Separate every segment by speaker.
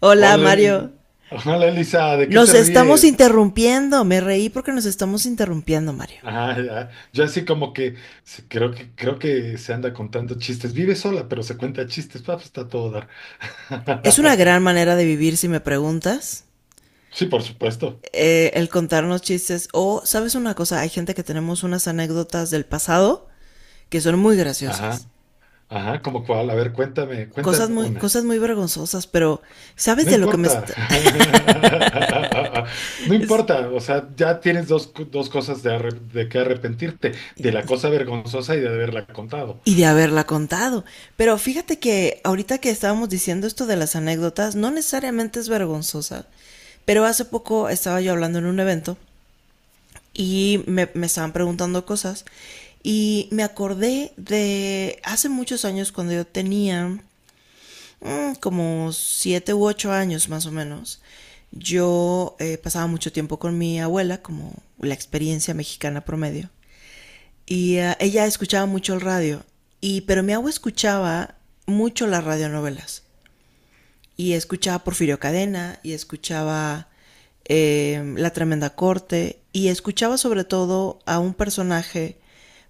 Speaker 1: Hola,
Speaker 2: Hola,
Speaker 1: Mario.
Speaker 2: Eli- Hola, Elisa, ¿de qué
Speaker 1: Nos
Speaker 2: te
Speaker 1: estamos
Speaker 2: ríes?
Speaker 1: interrumpiendo. Me reí porque nos estamos interrumpiendo, Mario.
Speaker 2: Ajá, ya. Yo así como que sí, creo que se anda contando chistes. Vive sola, pero se cuenta chistes. Ah, pues está a todo dar.
Speaker 1: Es una gran manera de vivir, si me preguntas.
Speaker 2: Sí, por supuesto.
Speaker 1: El contarnos chistes. O, ¿sabes una cosa? Hay gente que tenemos unas anécdotas del pasado que son muy
Speaker 2: Ajá,
Speaker 1: graciosas.
Speaker 2: ajá, como cuál. A ver, cuéntame, cuéntame una.
Speaker 1: Cosas muy vergonzosas, pero ¿sabes
Speaker 2: No
Speaker 1: de lo que me
Speaker 2: importa.
Speaker 1: está...
Speaker 2: No importa. O sea, ya tienes dos, dos cosas de, de que arrepentirte, de la cosa vergonzosa y de haberla contado.
Speaker 1: Y de haberla contado. Pero fíjate que ahorita que estábamos diciendo esto de las anécdotas, no necesariamente es vergonzosa. Pero hace poco estaba yo hablando en un evento y me estaban preguntando cosas. Y me acordé de hace muchos años cuando yo tenía como siete u ocho años más o menos. Yo pasaba mucho tiempo con mi abuela, como la experiencia mexicana promedio. Y ella escuchaba mucho el radio. Y pero mi abuela escuchaba mucho las radionovelas. Y escuchaba Porfirio Cadena y escuchaba La Tremenda Corte y escuchaba sobre todo a un personaje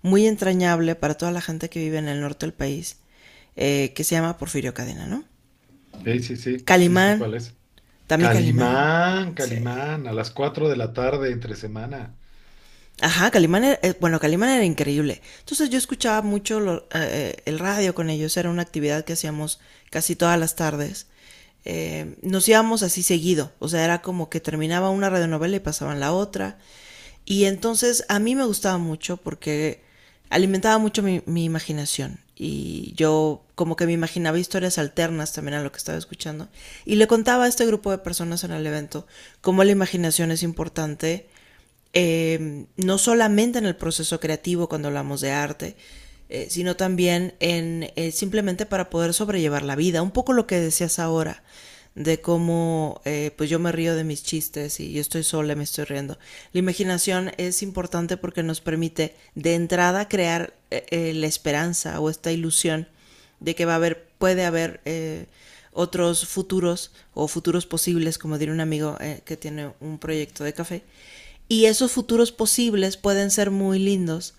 Speaker 1: muy entrañable para toda la gente que vive en el norte del país, que se llama Porfirio Cadena, ¿no?
Speaker 2: Sí, sí, sí, sí sé
Speaker 1: Calimán,
Speaker 2: cuál es.
Speaker 1: también Calimán.
Speaker 2: Calimán,
Speaker 1: Sí.
Speaker 2: Calimán, a las 4 de la tarde entre semana.
Speaker 1: Ajá, Calimán era, bueno, Calimán era increíble. Entonces yo escuchaba mucho el radio con ellos, era una actividad que hacíamos casi todas las tardes. Nos íbamos así seguido, o sea, era como que terminaba una radionovela y pasaban la otra. Y entonces a mí me gustaba mucho porque alimentaba mucho mi imaginación y yo como que me imaginaba historias alternas también a lo que estaba escuchando y le contaba a este grupo de personas en el evento cómo la imaginación es importante, no solamente en el proceso creativo cuando hablamos de arte, sino también en simplemente para poder sobrellevar la vida. Un poco lo que decías ahora, de cómo pues yo me río de mis chistes y yo estoy sola, y me estoy riendo. La imaginación es importante porque nos permite de entrada crear la esperanza o esta ilusión de que va a haber, puede haber, otros futuros o futuros posibles, como diría un amigo que tiene un proyecto de café. Y esos futuros posibles pueden ser muy lindos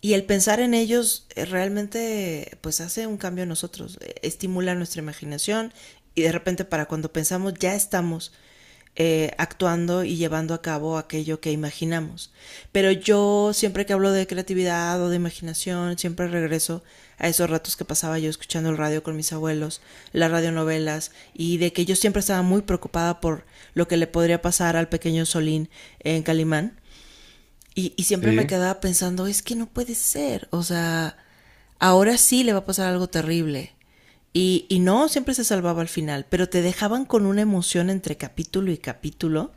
Speaker 1: y el pensar en ellos realmente pues hace un cambio en nosotros, estimula nuestra imaginación y de repente para cuando pensamos ya estamos actuando y llevando a cabo aquello que imaginamos. Pero yo siempre que hablo de creatividad o de imaginación, siempre regreso a esos ratos que pasaba yo escuchando el radio con mis abuelos, las radionovelas, y de que yo siempre estaba muy preocupada por lo que le podría pasar al pequeño Solín en Calimán. Y siempre me
Speaker 2: Sí,
Speaker 1: quedaba pensando, es que no puede ser, o sea, ahora sí le va a pasar algo terrible. Y no, siempre se salvaba al final, pero te dejaban con una emoción entre capítulo y capítulo.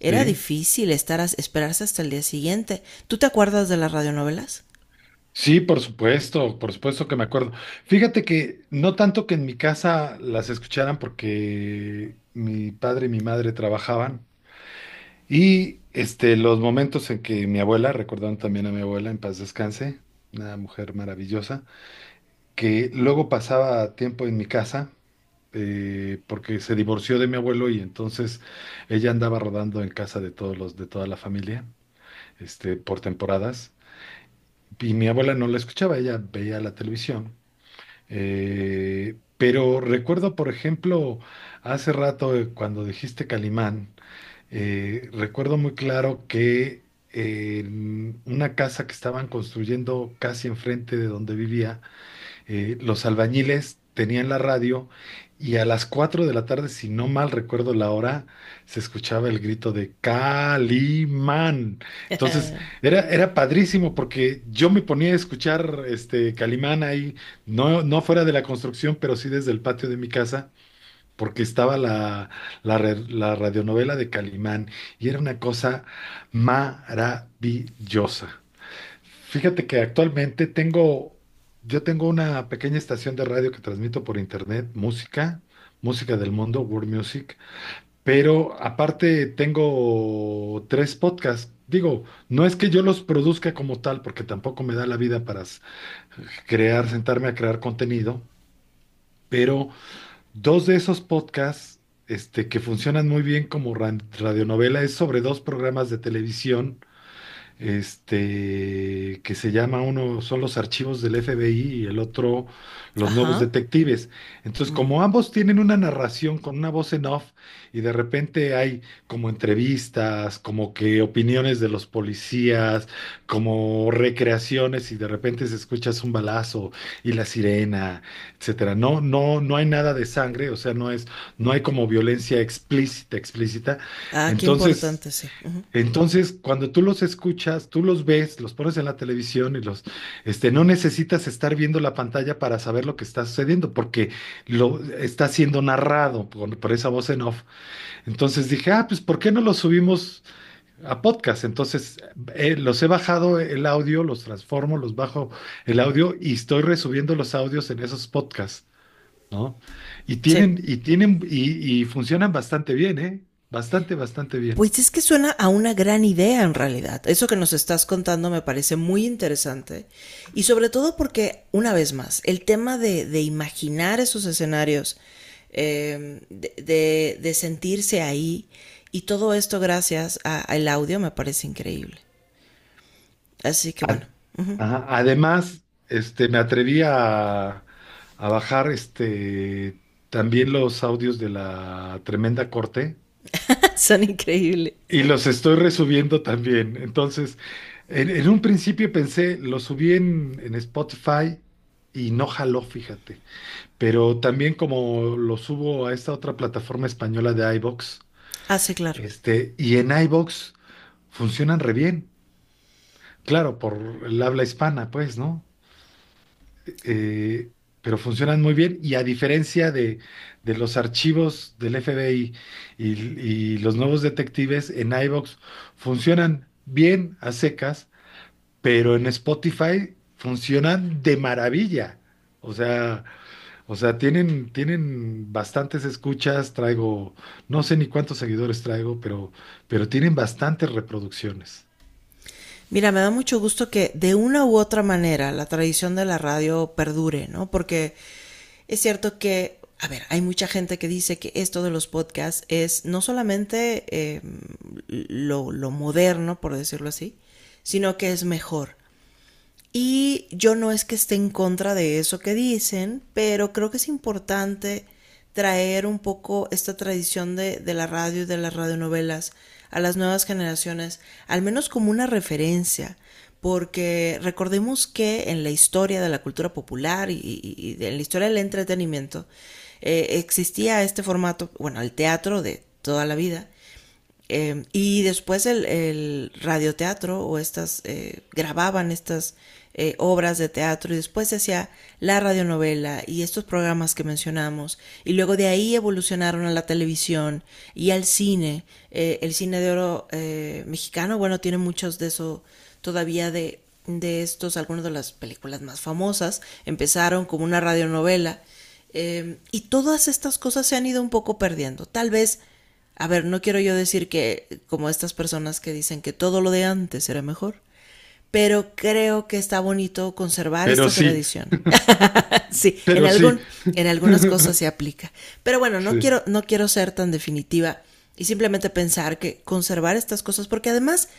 Speaker 1: Era
Speaker 2: sí.
Speaker 1: difícil esperarse hasta el día siguiente. ¿Tú te acuerdas de las radionovelas?
Speaker 2: Sí, por supuesto que me acuerdo. Fíjate que no tanto que en mi casa las escucharan porque mi padre y mi madre trabajaban y este los momentos en que mi abuela, recordando también a mi abuela en paz descanse, una mujer maravillosa, que luego pasaba tiempo en mi casa porque se divorció de mi abuelo y entonces ella andaba rodando en casa de de toda la familia, este, por temporadas. Y mi abuela no la escuchaba, ella veía la televisión. Pero recuerdo, por ejemplo, hace rato cuando dijiste Calimán, recuerdo muy claro que en una casa que estaban construyendo casi enfrente de donde vivía, los albañiles tenían la radio y a las 4 de la tarde, si no mal recuerdo la hora, se escuchaba el grito de Calimán. Entonces, era padrísimo porque yo me ponía a escuchar este Calimán ahí, no fuera de la construcción, pero sí desde el patio de mi casa, porque estaba la radionovela de Calimán y era una cosa maravillosa. Fíjate que actualmente tengo, Yo tengo una pequeña estación de radio que transmito por internet, música, música del mundo, World Music, pero aparte tengo tres podcasts. Digo, no es que yo los produzca como tal, porque tampoco me da la vida para crear, sentarme a crear contenido, pero dos de esos podcasts, este, que funcionan muy bien como radionovela, es sobre dos programas de televisión este, que se llama uno, son los archivos del FBI y el otro, los nuevos
Speaker 1: Ajá.
Speaker 2: detectives. Entonces, como ambos tienen una narración con una voz en off y de repente hay como entrevistas, como que opiniones de los policías, como recreaciones y de repente se escucha un balazo y la sirena, etcétera. No hay nada de sangre, o sea, no hay como violencia explícita, explícita.
Speaker 1: Ah, qué
Speaker 2: Entonces,
Speaker 1: importante, sí. Ujú.
Speaker 2: entonces, cuando tú los escuchas, tú los ves, los pones en la televisión y este, no necesitas estar viendo la pantalla para saber lo que está sucediendo, porque lo está siendo narrado por esa voz en off. Entonces dije, ah, pues, ¿por qué no los subimos a podcast? Entonces, los he bajado el audio, los transformo, los bajo el audio y estoy resubiendo los audios en esos podcasts, ¿no? Y
Speaker 1: Sí.
Speaker 2: tienen, y tienen, y, y funcionan bastante bien, ¿eh? Bastante, bastante bien.
Speaker 1: Pues es que suena a una gran idea en realidad. Eso que nos estás contando me parece muy interesante. Y sobre todo porque, una vez más, el tema de imaginar esos escenarios, sentirse ahí, y todo esto gracias al audio me parece increíble. Así que bueno, uh -huh.
Speaker 2: Ajá. Además, este, a bajar este, también los audios de la Tremenda Corte
Speaker 1: son increíbles.
Speaker 2: y los estoy resubiendo también. Entonces, en un principio pensé, lo subí en Spotify y no jaló, fíjate. Pero también como lo subo a esta otra plataforma española de iVoox,
Speaker 1: Ah, sí, claro.
Speaker 2: este, y en iVoox funcionan re bien. Claro, por el habla hispana, pues, ¿no? eh, pero funcionan muy bien y a diferencia de los archivos del FBI y los nuevos detectives en iVoox, funcionan bien a secas, pero en Spotify funcionan de maravilla. O sea, o sea, tienen bastantes escuchas, traigo, no sé ni cuántos seguidores traigo, pero tienen bastantes reproducciones.
Speaker 1: Mira, me da mucho gusto que de una u otra manera la tradición de la radio perdure, ¿no? Porque es cierto que, a ver, hay mucha gente que dice que esto de los podcasts es no solamente, lo moderno, por decirlo así, sino que es mejor. Y yo no es que esté en contra de eso que dicen, pero creo que es importante traer un poco esta tradición de la radio y de las radionovelas a las nuevas generaciones, al menos como una referencia, porque recordemos que en la historia de la cultura popular y en la historia del entretenimiento existía este formato, bueno, el teatro de toda la vida, y después el radioteatro o estas grababan estas obras de teatro y después se hacía la radionovela y estos programas que mencionamos y luego de ahí evolucionaron a la televisión y al cine. El cine de oro mexicano, bueno, tiene muchos de eso todavía de estos, algunas de las películas más famosas empezaron como una radionovela, y todas estas cosas se han ido un poco perdiendo. Tal vez a ver, no quiero yo decir que como estas personas que dicen que todo lo de antes era mejor, pero creo que está bonito conservar
Speaker 2: Pero
Speaker 1: esta
Speaker 2: sí,
Speaker 1: tradición. sí, en
Speaker 2: pero sí.
Speaker 1: algún en algunas cosas se aplica. Pero bueno, no
Speaker 2: Sí,
Speaker 1: quiero no quiero ser tan definitiva y simplemente pensar que conservar estas cosas porque además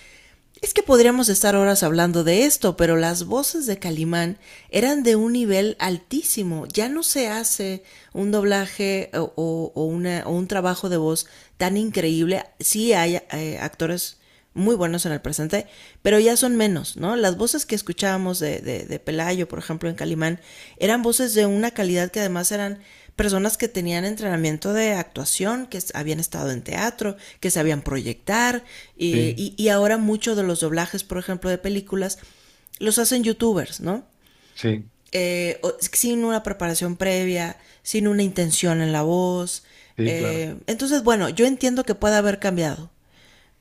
Speaker 1: es que podríamos estar horas hablando de esto, pero las voces de Calimán eran de un nivel altísimo. Ya no se hace un doblaje o o un trabajo de voz tan increíble. Sí hay actores muy buenos en el presente, pero ya son menos, ¿no? Las voces que escuchábamos de Pelayo, por ejemplo, en Calimán, eran voces de una calidad que además eran personas que tenían entrenamiento de actuación, que habían estado en teatro, que sabían proyectar,
Speaker 2: sí,
Speaker 1: ahora muchos de los doblajes, por ejemplo, de películas, los hacen youtubers, ¿no?
Speaker 2: sí,
Speaker 1: Eh, Sin una preparación previa, sin una intención en la voz.
Speaker 2: sí, claro.
Speaker 1: Entonces, bueno, yo entiendo que pueda haber cambiado,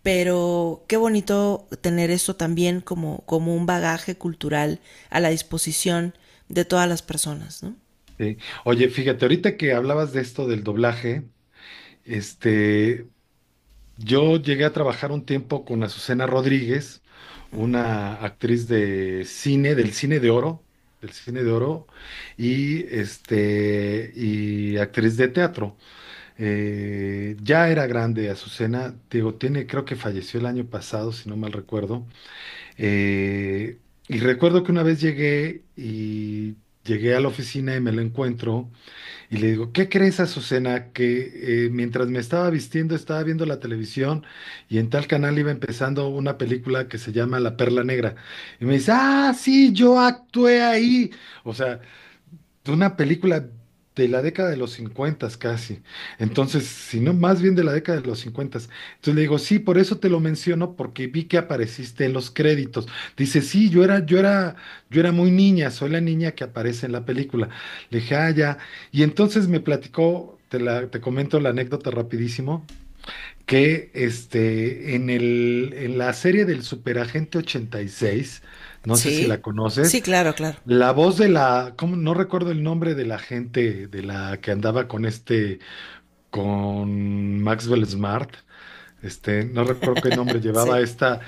Speaker 1: pero qué bonito tener esto también como, como un bagaje cultural a la disposición de todas las personas, ¿no?
Speaker 2: Sí. Oye, fíjate, ahorita que hablabas de esto del doblaje, este, yo llegué a trabajar un tiempo con Azucena Rodríguez, una actriz de cine, del cine de oro, y este, y actriz de teatro. Ya era grande Azucena, digo, tiene, creo que falleció el año pasado, si no mal recuerdo. Eh, y recuerdo que una vez llegué a la oficina y me la encuentro. Y le digo, ¿qué crees, Azucena? Que mientras me estaba vistiendo, estaba viendo la televisión y en tal canal iba empezando una película que se llama La Perla Negra. Y me dice, ah, sí, yo actué ahí. O sea, de una película de la década de los 50 casi. Entonces, si no, más bien de la década de los 50. Entonces le digo, sí, por eso te lo menciono, porque vi que apareciste en los créditos. Dice, sí, yo era, yo era muy niña, soy la niña que aparece en la película. Le dije, ah, ya. Y entonces me platicó, te comento la anécdota rapidísimo. Que este, en en la serie del Superagente 86 no sé si la
Speaker 1: Sí,
Speaker 2: conoces,
Speaker 1: sí, claro, claro.
Speaker 2: la voz de la, ¿cómo? No recuerdo el nombre de la gente de la que andaba con este, con Maxwell Smart, este, no recuerdo qué nombre llevaba
Speaker 1: Sí.
Speaker 2: esta.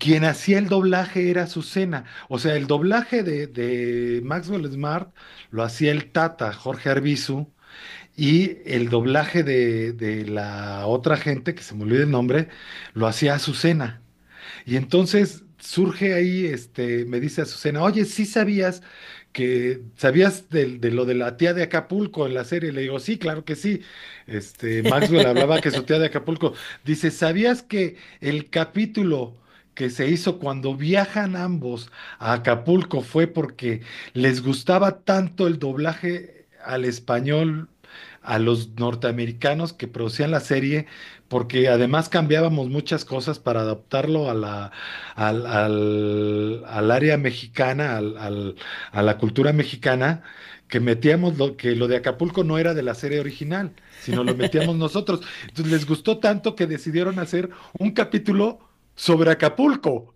Speaker 2: Quien hacía el doblaje era Azucena. O sea, el doblaje de Maxwell Smart lo hacía el Tata, Jorge Arvizu y el doblaje de la otra gente, que se me olvida el nombre, lo hacía Azucena. Y entonces surge ahí, este, me dice Azucena, oye, ¿sí sabías que sabías lo de la tía de Acapulco en la serie? Le digo, sí, claro que sí. Este, Maxwell hablaba que su tía de Acapulco. Dice, ¿sabías que el capítulo que se hizo cuando viajan ambos a Acapulco fue porque les gustaba tanto el doblaje al español a los norteamericanos que producían la serie? Porque además cambiábamos muchas cosas para adaptarlo a al área mexicana, a la cultura mexicana, que lo de Acapulco no era de la serie original, sino lo metíamos nosotros. Entonces les gustó tanto que decidieron hacer un capítulo sobre Acapulco.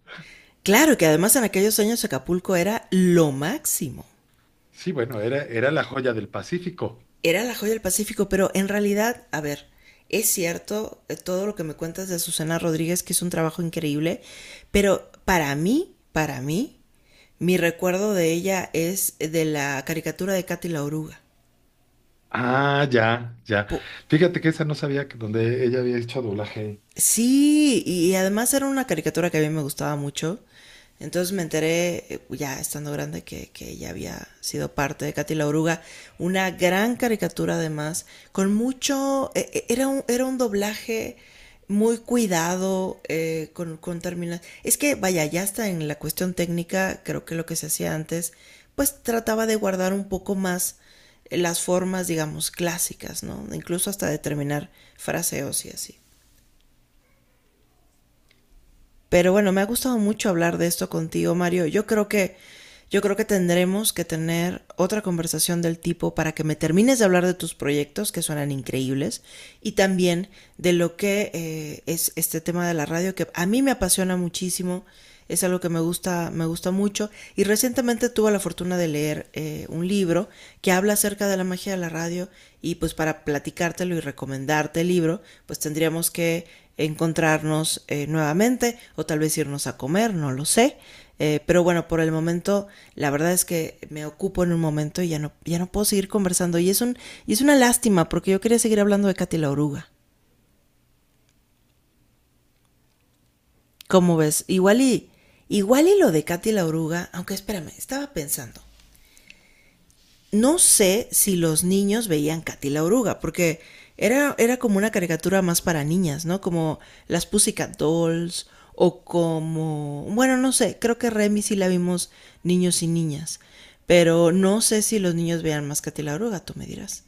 Speaker 1: Claro que además en aquellos años Acapulco era lo máximo.
Speaker 2: Sí, bueno, era la joya del Pacífico.
Speaker 1: Era la joya del Pacífico, pero en realidad, a ver, es cierto, todo lo que me cuentas de Susana Rodríguez, que hizo un trabajo increíble, pero para mí, mi recuerdo de ella es de la caricatura de Katy la Oruga.
Speaker 2: Ah, ya, ya.
Speaker 1: Po-
Speaker 2: Fíjate que esa no sabía que donde ella había hecho doblaje.
Speaker 1: Sí, y además era una caricatura que a mí me gustaba mucho. Entonces me enteré, ya estando grande, que ella había sido parte de Katy la Oruga. Una gran caricatura además, con mucho... era un doblaje muy cuidado, con con termina- Es que, vaya, ya hasta en la cuestión técnica, creo que lo que se hacía antes, pues trataba de guardar un poco más las formas, digamos, clásicas, ¿no? Incluso hasta determinar fraseos y así. Pero bueno, me ha gustado mucho hablar de esto contigo, Mario. Yo creo que tendremos que tener otra conversación del tipo para que me termines de hablar de tus proyectos que suenan increíbles y también de lo que es este tema de la radio que a mí me apasiona muchísimo, es algo que me gusta mucho. Y recientemente tuve la fortuna de leer un libro que habla acerca de la magia de la radio y pues para platicártelo y recomendarte el libro, pues tendríamos que encontrarnos nuevamente o tal vez irnos a comer, no lo sé. Pero bueno, por el momento, la verdad es que me ocupo en un momento y ya no, ya no puedo seguir conversando. Y es una lástima porque yo quería seguir hablando de Katy la Oruga. ¿Cómo ves? Igual y lo de Katy la Oruga, aunque espérame, estaba pensando. No sé si los niños veían Katy la Oruga, porque era como una caricatura más para niñas, ¿no? Como las Pussycat Dolls o como... Bueno, no sé, creo que Remy sí la vimos niños y niñas, pero no sé si los niños veían más Katy la Oruga, tú me dirás.